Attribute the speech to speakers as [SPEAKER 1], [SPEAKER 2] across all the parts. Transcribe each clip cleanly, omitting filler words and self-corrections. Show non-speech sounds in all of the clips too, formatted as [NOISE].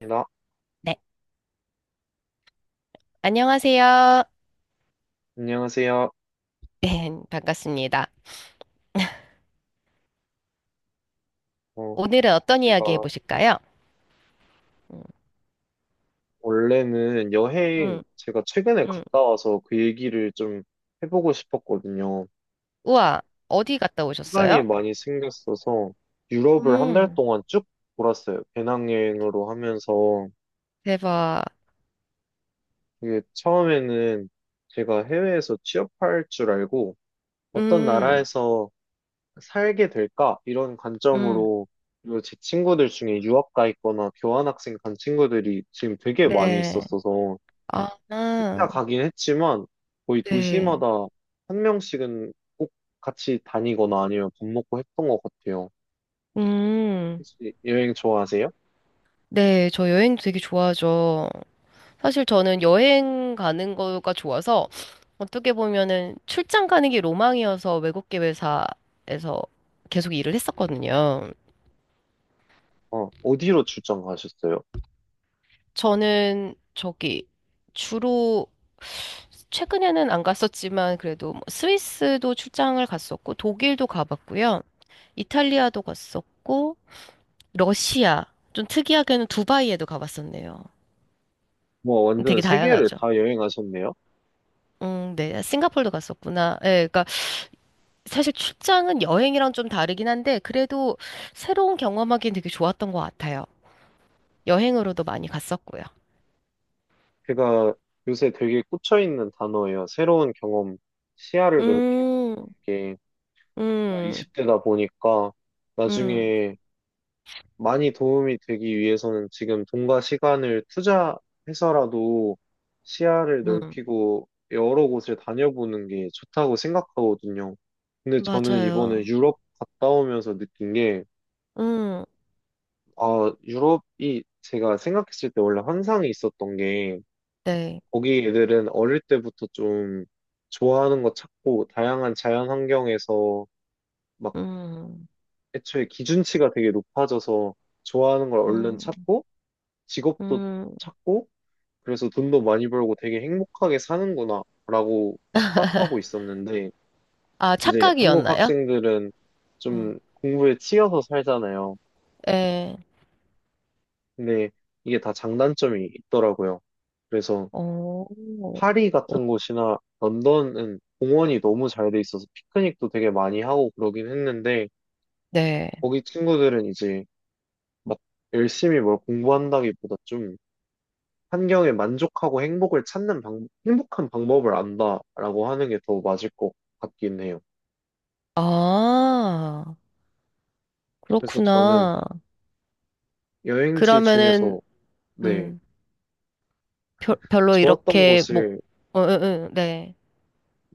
[SPEAKER 1] 나,
[SPEAKER 2] 네, 안녕하세요.
[SPEAKER 1] 안녕하세요.
[SPEAKER 2] 네, 반갑습니다.
[SPEAKER 1] 어,
[SPEAKER 2] 오늘은 어떤 이야기
[SPEAKER 1] 제가
[SPEAKER 2] 해보실까요? 음,
[SPEAKER 1] 원래는 여행,
[SPEAKER 2] 음,
[SPEAKER 1] 제가 최근에
[SPEAKER 2] 음.
[SPEAKER 1] 갔다 와서 그 얘기를 좀 해보고 싶었거든요. 저
[SPEAKER 2] 우와, 어디 갔다
[SPEAKER 1] 시간이
[SPEAKER 2] 오셨어요?
[SPEAKER 1] 많이 생겼어서 유럽을 한 달
[SPEAKER 2] 음,
[SPEAKER 1] 동안 쭉 돌았어요. 배낭여행으로 하면서.
[SPEAKER 2] 대박.
[SPEAKER 1] 이게 처음에는 제가 해외에서 취업할 줄 알고 어떤
[SPEAKER 2] 음,
[SPEAKER 1] 나라에서 살게 될까? 이런
[SPEAKER 2] 음,
[SPEAKER 1] 관점으로 그리고 제 친구들 중에 유학 가 있거나 교환학생 간 친구들이 지금 되게 많이
[SPEAKER 2] 네.
[SPEAKER 1] 있었어서
[SPEAKER 2] 아,
[SPEAKER 1] 혼자
[SPEAKER 2] 아,
[SPEAKER 1] 가긴 했지만 거의
[SPEAKER 2] 네.
[SPEAKER 1] 도시마다 한 명씩은 꼭 같이 다니거나 아니면 밥 먹고 했던 것 같아요.
[SPEAKER 2] 음,
[SPEAKER 1] 혹시 여행 좋아하세요?
[SPEAKER 2] 네, 저 여행 되게 좋아하죠. 사실 저는 여행 가는 거가 좋아서 어떻게 보면은 출장 가는 게 로망이어서 외국 계회사에서 계속 일을 했었거든요.
[SPEAKER 1] 어디로 출장 가셨어요?
[SPEAKER 2] 저는 저기 주로 최근에는 안 갔었지만 그래도 뭐 스위스도 출장을 갔었고 독일도 가봤고요. 이탈리아도 갔었고 러시아 좀 특이하게는 두바이에도 가봤었네요.
[SPEAKER 1] 뭐 완전
[SPEAKER 2] 되게
[SPEAKER 1] 세계를
[SPEAKER 2] 다양하죠.
[SPEAKER 1] 다 여행하셨네요.
[SPEAKER 2] 네. 싱가포르도 갔었구나. 예, 그러니까 사실 출장은 여행이랑 좀 다르긴 한데 그래도 새로운 경험하기엔 되게 좋았던 것 같아요. 여행으로도 많이 갔었고요.
[SPEAKER 1] 제가 요새 되게 꽂혀있는 단어예요. 새로운 경험, 시야를 넓히는
[SPEAKER 2] 음,
[SPEAKER 1] 게 제가
[SPEAKER 2] 음,
[SPEAKER 1] 20대다 보니까
[SPEAKER 2] 음,
[SPEAKER 1] 나중에 많이 도움이 되기 위해서는 지금 돈과 시간을 투자해서라도 시야를
[SPEAKER 2] 음.
[SPEAKER 1] 넓히고 여러 곳을 다녀보는 게 좋다고 생각하거든요. 근데 저는 이번에
[SPEAKER 2] 맞아요.
[SPEAKER 1] 유럽 갔다 오면서 느낀 게,
[SPEAKER 2] 음,
[SPEAKER 1] 아, 유럽이 제가 생각했을 때 원래 환상이 있었던 게,
[SPEAKER 2] 네.
[SPEAKER 1] 거기 애들은 어릴 때부터 좀 좋아하는 거 찾고, 다양한 자연 환경에서 막
[SPEAKER 2] 음,
[SPEAKER 1] 애초에 기준치가 되게 높아져서 좋아하는 걸 얼른
[SPEAKER 2] 음,
[SPEAKER 1] 찾고, 직업도
[SPEAKER 2] 음.
[SPEAKER 1] 찾고 그래서 돈도 많이 벌고 되게 행복하게 사는구나 라고 착각하고 있었는데
[SPEAKER 2] 아,
[SPEAKER 1] 이제 한국
[SPEAKER 2] 착각이었나요?
[SPEAKER 1] 학생들은
[SPEAKER 2] 음.
[SPEAKER 1] 좀 공부에 치여서 살잖아요.
[SPEAKER 2] 네.
[SPEAKER 1] 근데 이게 다 장단점이 있더라고요. 그래서
[SPEAKER 2] 오,
[SPEAKER 1] 파리 같은 곳이나 런던은 공원이 너무 잘돼 있어서 피크닉도 되게 많이 하고 그러긴 했는데
[SPEAKER 2] 네.
[SPEAKER 1] 거기 친구들은 이제 막 열심히 뭘 공부한다기보다 좀 환경에 만족하고 행복을 찾는 방, 행복한 방법을 안다라고 하는 게 더 맞을 것 같긴 해요.
[SPEAKER 2] 아,
[SPEAKER 1] 그래서 저는
[SPEAKER 2] 그렇구나.
[SPEAKER 1] 여행지
[SPEAKER 2] 그러면은,
[SPEAKER 1] 중에서, 네,
[SPEAKER 2] 음, 별로
[SPEAKER 1] 좋았던
[SPEAKER 2] 이렇게, 뭐,
[SPEAKER 1] 곳을,
[SPEAKER 2] 어, 어, 어, 네.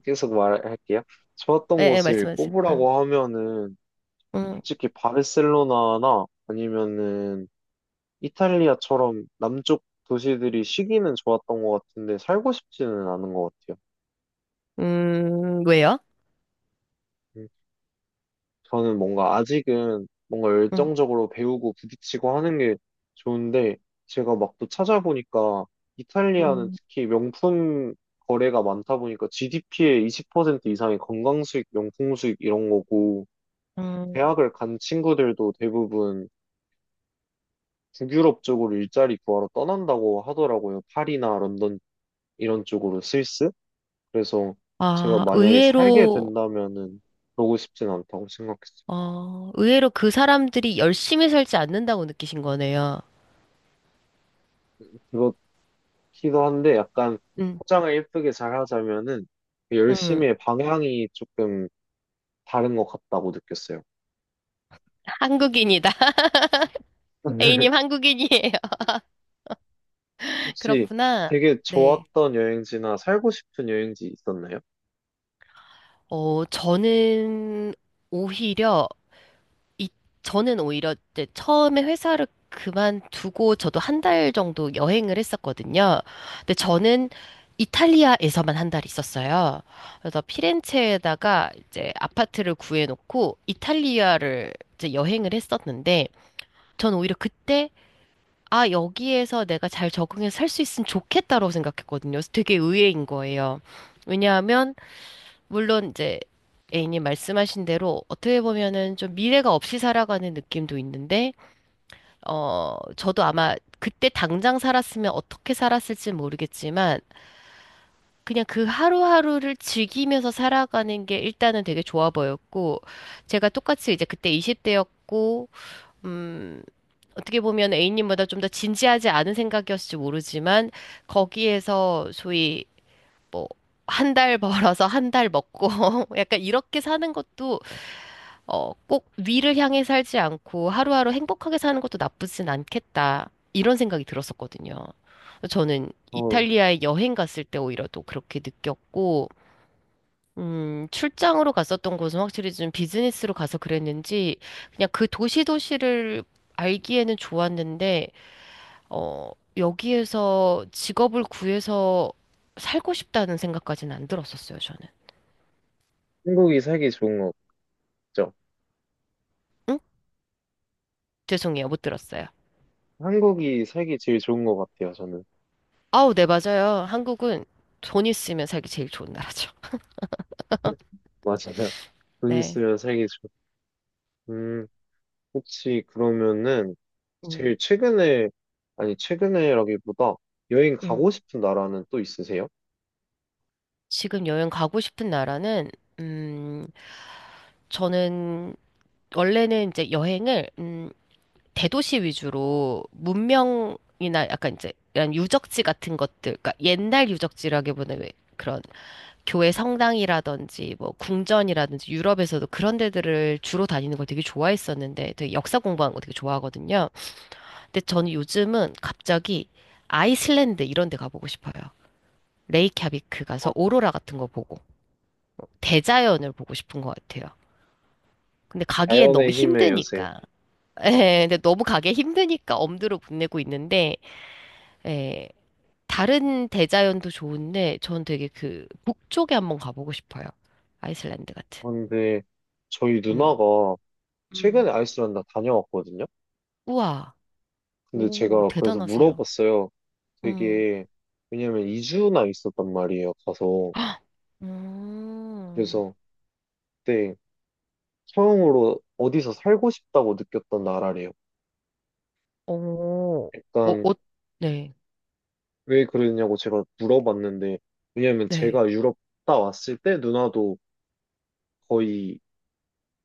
[SPEAKER 1] 계속 말할게요. 좋았던
[SPEAKER 2] 예, 예,
[SPEAKER 1] 곳을
[SPEAKER 2] 말씀하세요. 아,
[SPEAKER 1] 꼽으라고 하면은,
[SPEAKER 2] 음,
[SPEAKER 1] 솔직히 바르셀로나나 아니면은 이탈리아처럼 남쪽 도시들이 쉬기는 좋았던 것 같은데, 살고 싶지는 않은 것 같아요.
[SPEAKER 2] 왜요?
[SPEAKER 1] 음. 저는 뭔가 아직은 뭔가
[SPEAKER 2] 음,
[SPEAKER 1] 열정적으로 배우고 부딪히고 하는 게 좋은데 제가 막 또 찾아보니까 이탈리아는
[SPEAKER 2] 음,
[SPEAKER 1] 특히 명품 거래가 많다 보니까 GDP의 20% 이상이 건강 수익, 명품 수익 이런 거고
[SPEAKER 2] 음.
[SPEAKER 1] 대학을 간 친구들도 대부분 북유럽 쪽으로 일자리 구하러 떠난다고 하더라고요. 파리나 런던 이런 쪽으로 스위스. 그래서 제가
[SPEAKER 2] 아,
[SPEAKER 1] 만약에 살게
[SPEAKER 2] 의외로,
[SPEAKER 1] 된다면은 그러고 싶진 않다고 생각했어요.
[SPEAKER 2] 의외로 그 사람들이 열심히 살지 않는다고 느끼신 거네요.
[SPEAKER 1] 기도 한데 약간
[SPEAKER 2] 음,
[SPEAKER 1] 포장을 예쁘게 잘 하자면은 그
[SPEAKER 2] 음.
[SPEAKER 1] 열심히의 방향이 조금 다른 것 같다고 느꼈어요.
[SPEAKER 2] 한국인이다. [LAUGHS] A님
[SPEAKER 1] [LAUGHS]
[SPEAKER 2] 한국인이에요. [LAUGHS]
[SPEAKER 1] 혹시
[SPEAKER 2] 그렇구나.
[SPEAKER 1] 되게
[SPEAKER 2] 네.
[SPEAKER 1] 좋았던 여행지나 살고 싶은 여행지 있었나요?
[SPEAKER 2] 어, 저는 오히려, 이, 저는 오히려 이제 처음에 회사를 그만두고 저도 한 달 정도 여행을 했었거든요. 근데 저는 이탈리아에서만 한 달 있었어요. 그래서 피렌체에다가 이제 아파트를 구해놓고 이탈리아를 이제 여행을 했었는데, 전 오히려 그때 아, 여기에서 내가 잘 적응해서 살 수 있으면 좋겠다라고 생각했거든요. 그래서 되게 의외인 거예요. 왜냐하면, 물론 이제 A님 말씀하신 대로 어떻게 보면은 좀 미래가 없이 살아가는 느낌도 있는데, 저도 아마 그때 당장 살았으면 어떻게 살았을지 모르겠지만, 그냥 그 하루하루를 즐기면서 살아가는 게 일단은 되게 좋아 보였고, 제가 똑같이 이제 그때 20대였고, 음, 어떻게 보면 A님보다 좀 더 진지하지 않은 생각이었을지 모르지만, 거기에서 소위 뭐, 한 달 [LAUGHS] 벌어서 한 달 먹고, [LAUGHS] 약간 이렇게 사는 것도, 꼭 위를 향해 살지 않고 하루하루 행복하게 사는 것도 나쁘진 않겠다. 이런 생각이 들었었거든요. 저는
[SPEAKER 1] 어,
[SPEAKER 2] 이탈리아에 여행 갔을 때 오히려 또 그렇게 느꼈고, 출장으로 갔었던 곳은 확실히 좀 비즈니스로 가서 그랬는지, 그냥 그 도시 도시를 알기에는 좋았는데, 어, 여기에서 직업을 구해서 살고 싶다는 생각까지는 안 들었었어요, 저는.
[SPEAKER 1] 한국이 살기 좋은 거 같죠?
[SPEAKER 2] 응? 죄송해요, 못 들었어요.
[SPEAKER 1] 한국이 살기 제일 좋은 것 같아요, 저는.
[SPEAKER 2] 아우, 네, 맞아요. 한국은 돈 있으면 살기 제일 좋은 나라죠. [LAUGHS]
[SPEAKER 1] [LAUGHS] 맞아요. 돈
[SPEAKER 2] 네.
[SPEAKER 1] 있으면 살기 좋. 음, 혹시 그러면은
[SPEAKER 2] 음,
[SPEAKER 1] 제일 최근에, 아니, 최근에라기보다 여행
[SPEAKER 2] 음.
[SPEAKER 1] 가고 싶은 나라는 또 있으세요?
[SPEAKER 2] 지금 여행 가고 싶은 나라는, 음, 저는 원래는 이제 여행을, 대도시 위주로 문명이나 약간 이제 이런 유적지 같은 것들, 그러니까 옛날 유적지라기보다는 왜 그런 교회 성당이라든지 뭐 궁전이라든지 유럽에서도 그런 데들을 주로 다니는 걸 되게 좋아했었는데 되게 역사 공부하는 거 되게 좋아하거든요. 근데 저는 요즘은 갑자기 아이슬란드 이런 데 가보고 싶어요. 레이캬비크
[SPEAKER 1] 어,
[SPEAKER 2] 가서 오로라 같은 거 보고 대자연을 보고 싶은 것 같아요. 근데 가기엔 너무
[SPEAKER 1] 자연의 힘의 요새.
[SPEAKER 2] 힘드니까. [LAUGHS] 예, 근데 너무 가기 힘드니까 엄두를 못 내고 있는데 예, 다른 대자연도 좋은데 전 되게 그 북쪽에 한번 가보고 싶어요. 아이슬란드 같은.
[SPEAKER 1] 근데 저희
[SPEAKER 2] 음.
[SPEAKER 1] 누나가
[SPEAKER 2] 음.
[SPEAKER 1] 최근에 아이슬란드 다녀왔거든요.
[SPEAKER 2] 우와.
[SPEAKER 1] 근데
[SPEAKER 2] 오,
[SPEAKER 1] 제가 그래서
[SPEAKER 2] 대단하세요.
[SPEAKER 1] 물어봤어요.
[SPEAKER 2] 음.
[SPEAKER 1] 되게 왜냐면 2주나 있었단 말이에요. 가서
[SPEAKER 2] 헉! 음.
[SPEAKER 1] 그래서 그때 처음으로 어디서 살고 싶다고 느꼈던 나라래요.
[SPEAKER 2] 오. 오,
[SPEAKER 1] 약간
[SPEAKER 2] 오. 네.
[SPEAKER 1] 왜 그러냐고 제가 물어봤는데 왜냐면
[SPEAKER 2] 네.
[SPEAKER 1] 제가 유럽 갔다 왔을 때 누나도 거의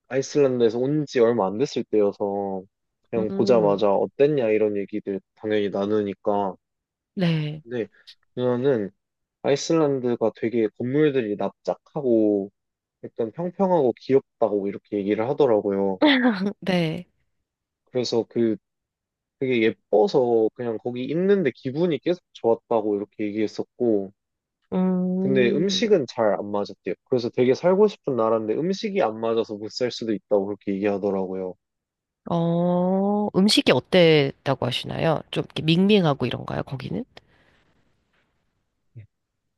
[SPEAKER 1] 아이슬란드에서 온 지 얼마 안 됐을 때여서 그냥
[SPEAKER 2] 음.
[SPEAKER 1] 보자마자 어땠냐 이런 얘기들 당연히 나누니까
[SPEAKER 2] 네.
[SPEAKER 1] 근데 누나는 아이슬란드가 되게 건물들이 납작하고 약간 평평하고 귀엽다고 이렇게 얘기를 하더라고요.
[SPEAKER 2] 네.
[SPEAKER 1] 그래서 그 되게 예뻐서 그냥 거기 있는데 기분이 계속 좋았다고 이렇게 얘기했었고, 근데
[SPEAKER 2] 음.
[SPEAKER 1] 음식은 잘 안 맞았대요. 그래서 되게 살고 싶은 나라인데 음식이 안 맞아서 못 살 수도 있다고 그렇게 얘기하더라고요.
[SPEAKER 2] 음식이 어땠다고 하시나요? 좀 이렇게 밍밍하고 이런가요, 거기는?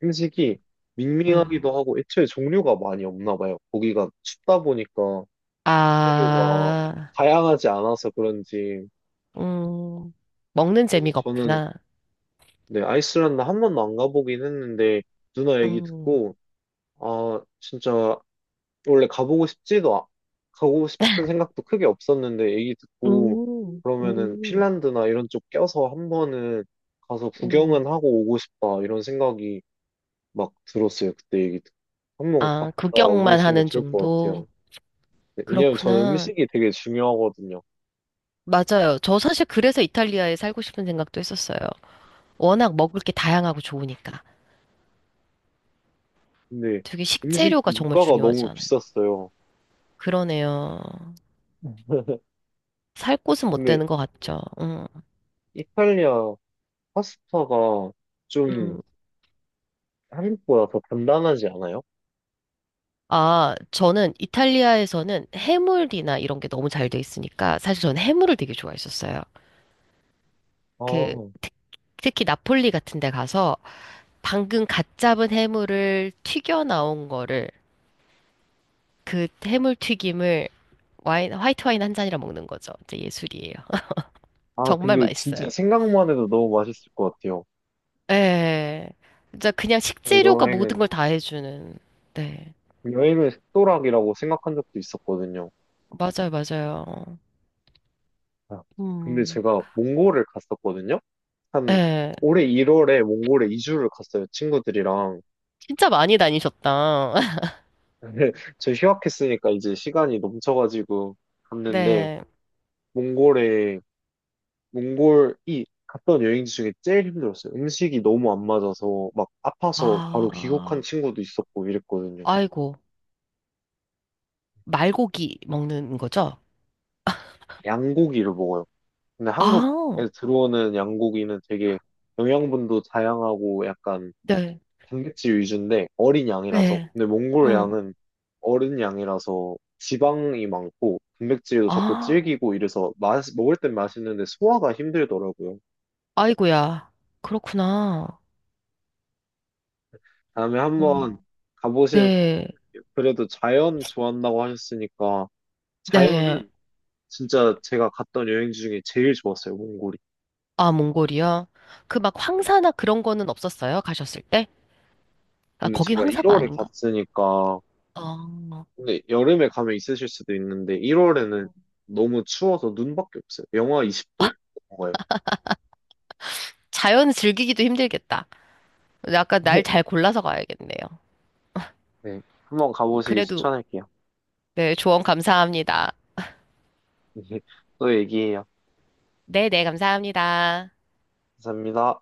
[SPEAKER 1] 음식이
[SPEAKER 2] 음.
[SPEAKER 1] 밍밍하기도 하고 애초에 종류가 많이 없나 봐요. 거기가 춥다 보니까 재료가
[SPEAKER 2] 아.
[SPEAKER 1] 다양하지 않아서 그런지.
[SPEAKER 2] 음. 먹는
[SPEAKER 1] 그래서
[SPEAKER 2] 재미가
[SPEAKER 1] 저는
[SPEAKER 2] 없구나.
[SPEAKER 1] 네, 아이슬란드 한 번도 안 가보긴 했는데, 누나 얘기
[SPEAKER 2] 음.
[SPEAKER 1] 듣고, 아, 진짜, 원래 가보고 싶지도, 가고 싶은 생각도 크게 없었는데, 얘기 듣고,
[SPEAKER 2] 음,
[SPEAKER 1] 그러면은
[SPEAKER 2] 음,
[SPEAKER 1] 핀란드나 이런 쪽 껴서 한 번은 가서
[SPEAKER 2] 음.
[SPEAKER 1] 구경은 하고 오고 싶다, 이런 생각이 막 들었어요, 그때 얘기 듣고. 한 번 갔다
[SPEAKER 2] 아, 구경만
[SPEAKER 1] 와보시면
[SPEAKER 2] 하는
[SPEAKER 1] 좋을 것
[SPEAKER 2] 정도?
[SPEAKER 1] 같아요. 네, 왜냐면 저는
[SPEAKER 2] 그렇구나.
[SPEAKER 1] 음식이 되게 중요하거든요.
[SPEAKER 2] 맞아요. 저 사실 그래서 이탈리아에 살고 싶은 생각도 했었어요. 워낙 먹을 게 다양하고 좋으니까.
[SPEAKER 1] 근데
[SPEAKER 2] 되게
[SPEAKER 1] 음식
[SPEAKER 2] 식재료가 정말
[SPEAKER 1] 물가가 너무
[SPEAKER 2] 중요하잖아요.
[SPEAKER 1] 비쌌어요.
[SPEAKER 2] 그러네요.
[SPEAKER 1] 음.
[SPEAKER 2] 살 곳은 못
[SPEAKER 1] 근데
[SPEAKER 2] 되는 것 같죠.
[SPEAKER 1] 이탈리아 파스타가 좀
[SPEAKER 2] 음.
[SPEAKER 1] 한국보다 더 단단하지 않아요?
[SPEAKER 2] 아, 저는 이탈리아에서는 해물이나 이런 게 너무 잘 돼 있으니까 사실 저는 해물을 되게 좋아했었어요. 그,
[SPEAKER 1] 아,
[SPEAKER 2] 특- 특히 나폴리 같은 데 가서 방금 갓 잡은 해물을 튀겨 나온 거를 그 해물 튀김을 와인, 화이트 와인 한 잔이랑 먹는 거죠. 진짜 예술이에요. [LAUGHS]
[SPEAKER 1] 아,
[SPEAKER 2] 정말
[SPEAKER 1] 근데
[SPEAKER 2] 맛있어요.
[SPEAKER 1] 진짜 생각만 해도 너무 맛있을 것 같아요.
[SPEAKER 2] 예. 진짜 그냥 식재료가 모든
[SPEAKER 1] 여행은,
[SPEAKER 2] 걸 다 해주는. 네.
[SPEAKER 1] 여행을 식도락이라고 생각한 적도 있었거든요.
[SPEAKER 2] 맞아요, 맞아요.
[SPEAKER 1] 아, 근데
[SPEAKER 2] 음.
[SPEAKER 1] 제가 몽골을 갔었거든요? 한
[SPEAKER 2] 예.
[SPEAKER 1] 올해 1월에 몽골에 2주를 갔어요, 친구들이랑.
[SPEAKER 2] 진짜 많이 다니셨다. [LAUGHS]
[SPEAKER 1] [LAUGHS] 근데 저 휴학했으니까 이제 시간이 넘쳐가지고 갔는데,
[SPEAKER 2] 네.
[SPEAKER 1] 몽골에 몽골이 갔던 여행지 중에 제일 힘들었어요. 음식이 너무 안 맞아서 막 아파서 바로 귀국한
[SPEAKER 2] 아,
[SPEAKER 1] 친구도 있었고 이랬거든요.
[SPEAKER 2] 아이고. 말고기 먹는 거죠?
[SPEAKER 1] 양고기를 먹어요. 근데 한국에
[SPEAKER 2] 아,
[SPEAKER 1] 들어오는 양고기는 되게 영양분도 다양하고 약간
[SPEAKER 2] 네.
[SPEAKER 1] 단백질 위주인데 어린 양이라서
[SPEAKER 2] 네.
[SPEAKER 1] 근데 몽골
[SPEAKER 2] 음.
[SPEAKER 1] 양은 어른 양이라서 지방이 많고 단백질도 적고
[SPEAKER 2] 아,
[SPEAKER 1] 질기고 이래서 맛, 먹을 땐 맛있는데 소화가 힘들더라고요.
[SPEAKER 2] 아이고야. 그렇구나.
[SPEAKER 1] 다음에
[SPEAKER 2] 음.
[SPEAKER 1] 한번 가보시는
[SPEAKER 2] 네,
[SPEAKER 1] 게 그래도 자연 좋아한다고 하셨으니까
[SPEAKER 2] 네.
[SPEAKER 1] 자연은 진짜 제가 갔던 여행지 중에 제일 좋았어요, 몽골이.
[SPEAKER 2] 아, 몽골이요? 그 막
[SPEAKER 1] 네.
[SPEAKER 2] 황사나 그런 거는 없었어요? 가셨을 때? 아,
[SPEAKER 1] 근데
[SPEAKER 2] 거기
[SPEAKER 1] 제가
[SPEAKER 2] 황사가
[SPEAKER 1] 1월에
[SPEAKER 2] 아닌가?
[SPEAKER 1] 갔으니까,
[SPEAKER 2] 어,
[SPEAKER 1] 근데 여름에 가면 있으실 수도 있는데, 1월에는 너무 추워서 눈밖에 없어요. 영하 20도? 넘어가요.
[SPEAKER 2] 자연 즐기기도 힘들겠다. 약간 날 잘
[SPEAKER 1] [LAUGHS]
[SPEAKER 2] 골라서 가야겠네요.
[SPEAKER 1] 네. 한번 가보시기
[SPEAKER 2] 그래도,
[SPEAKER 1] 추천할게요.
[SPEAKER 2] 네, 조언 감사합니다.
[SPEAKER 1] [LAUGHS] 또 얘기해요.
[SPEAKER 2] 네, 네, 감사합니다.
[SPEAKER 1] 감사합니다.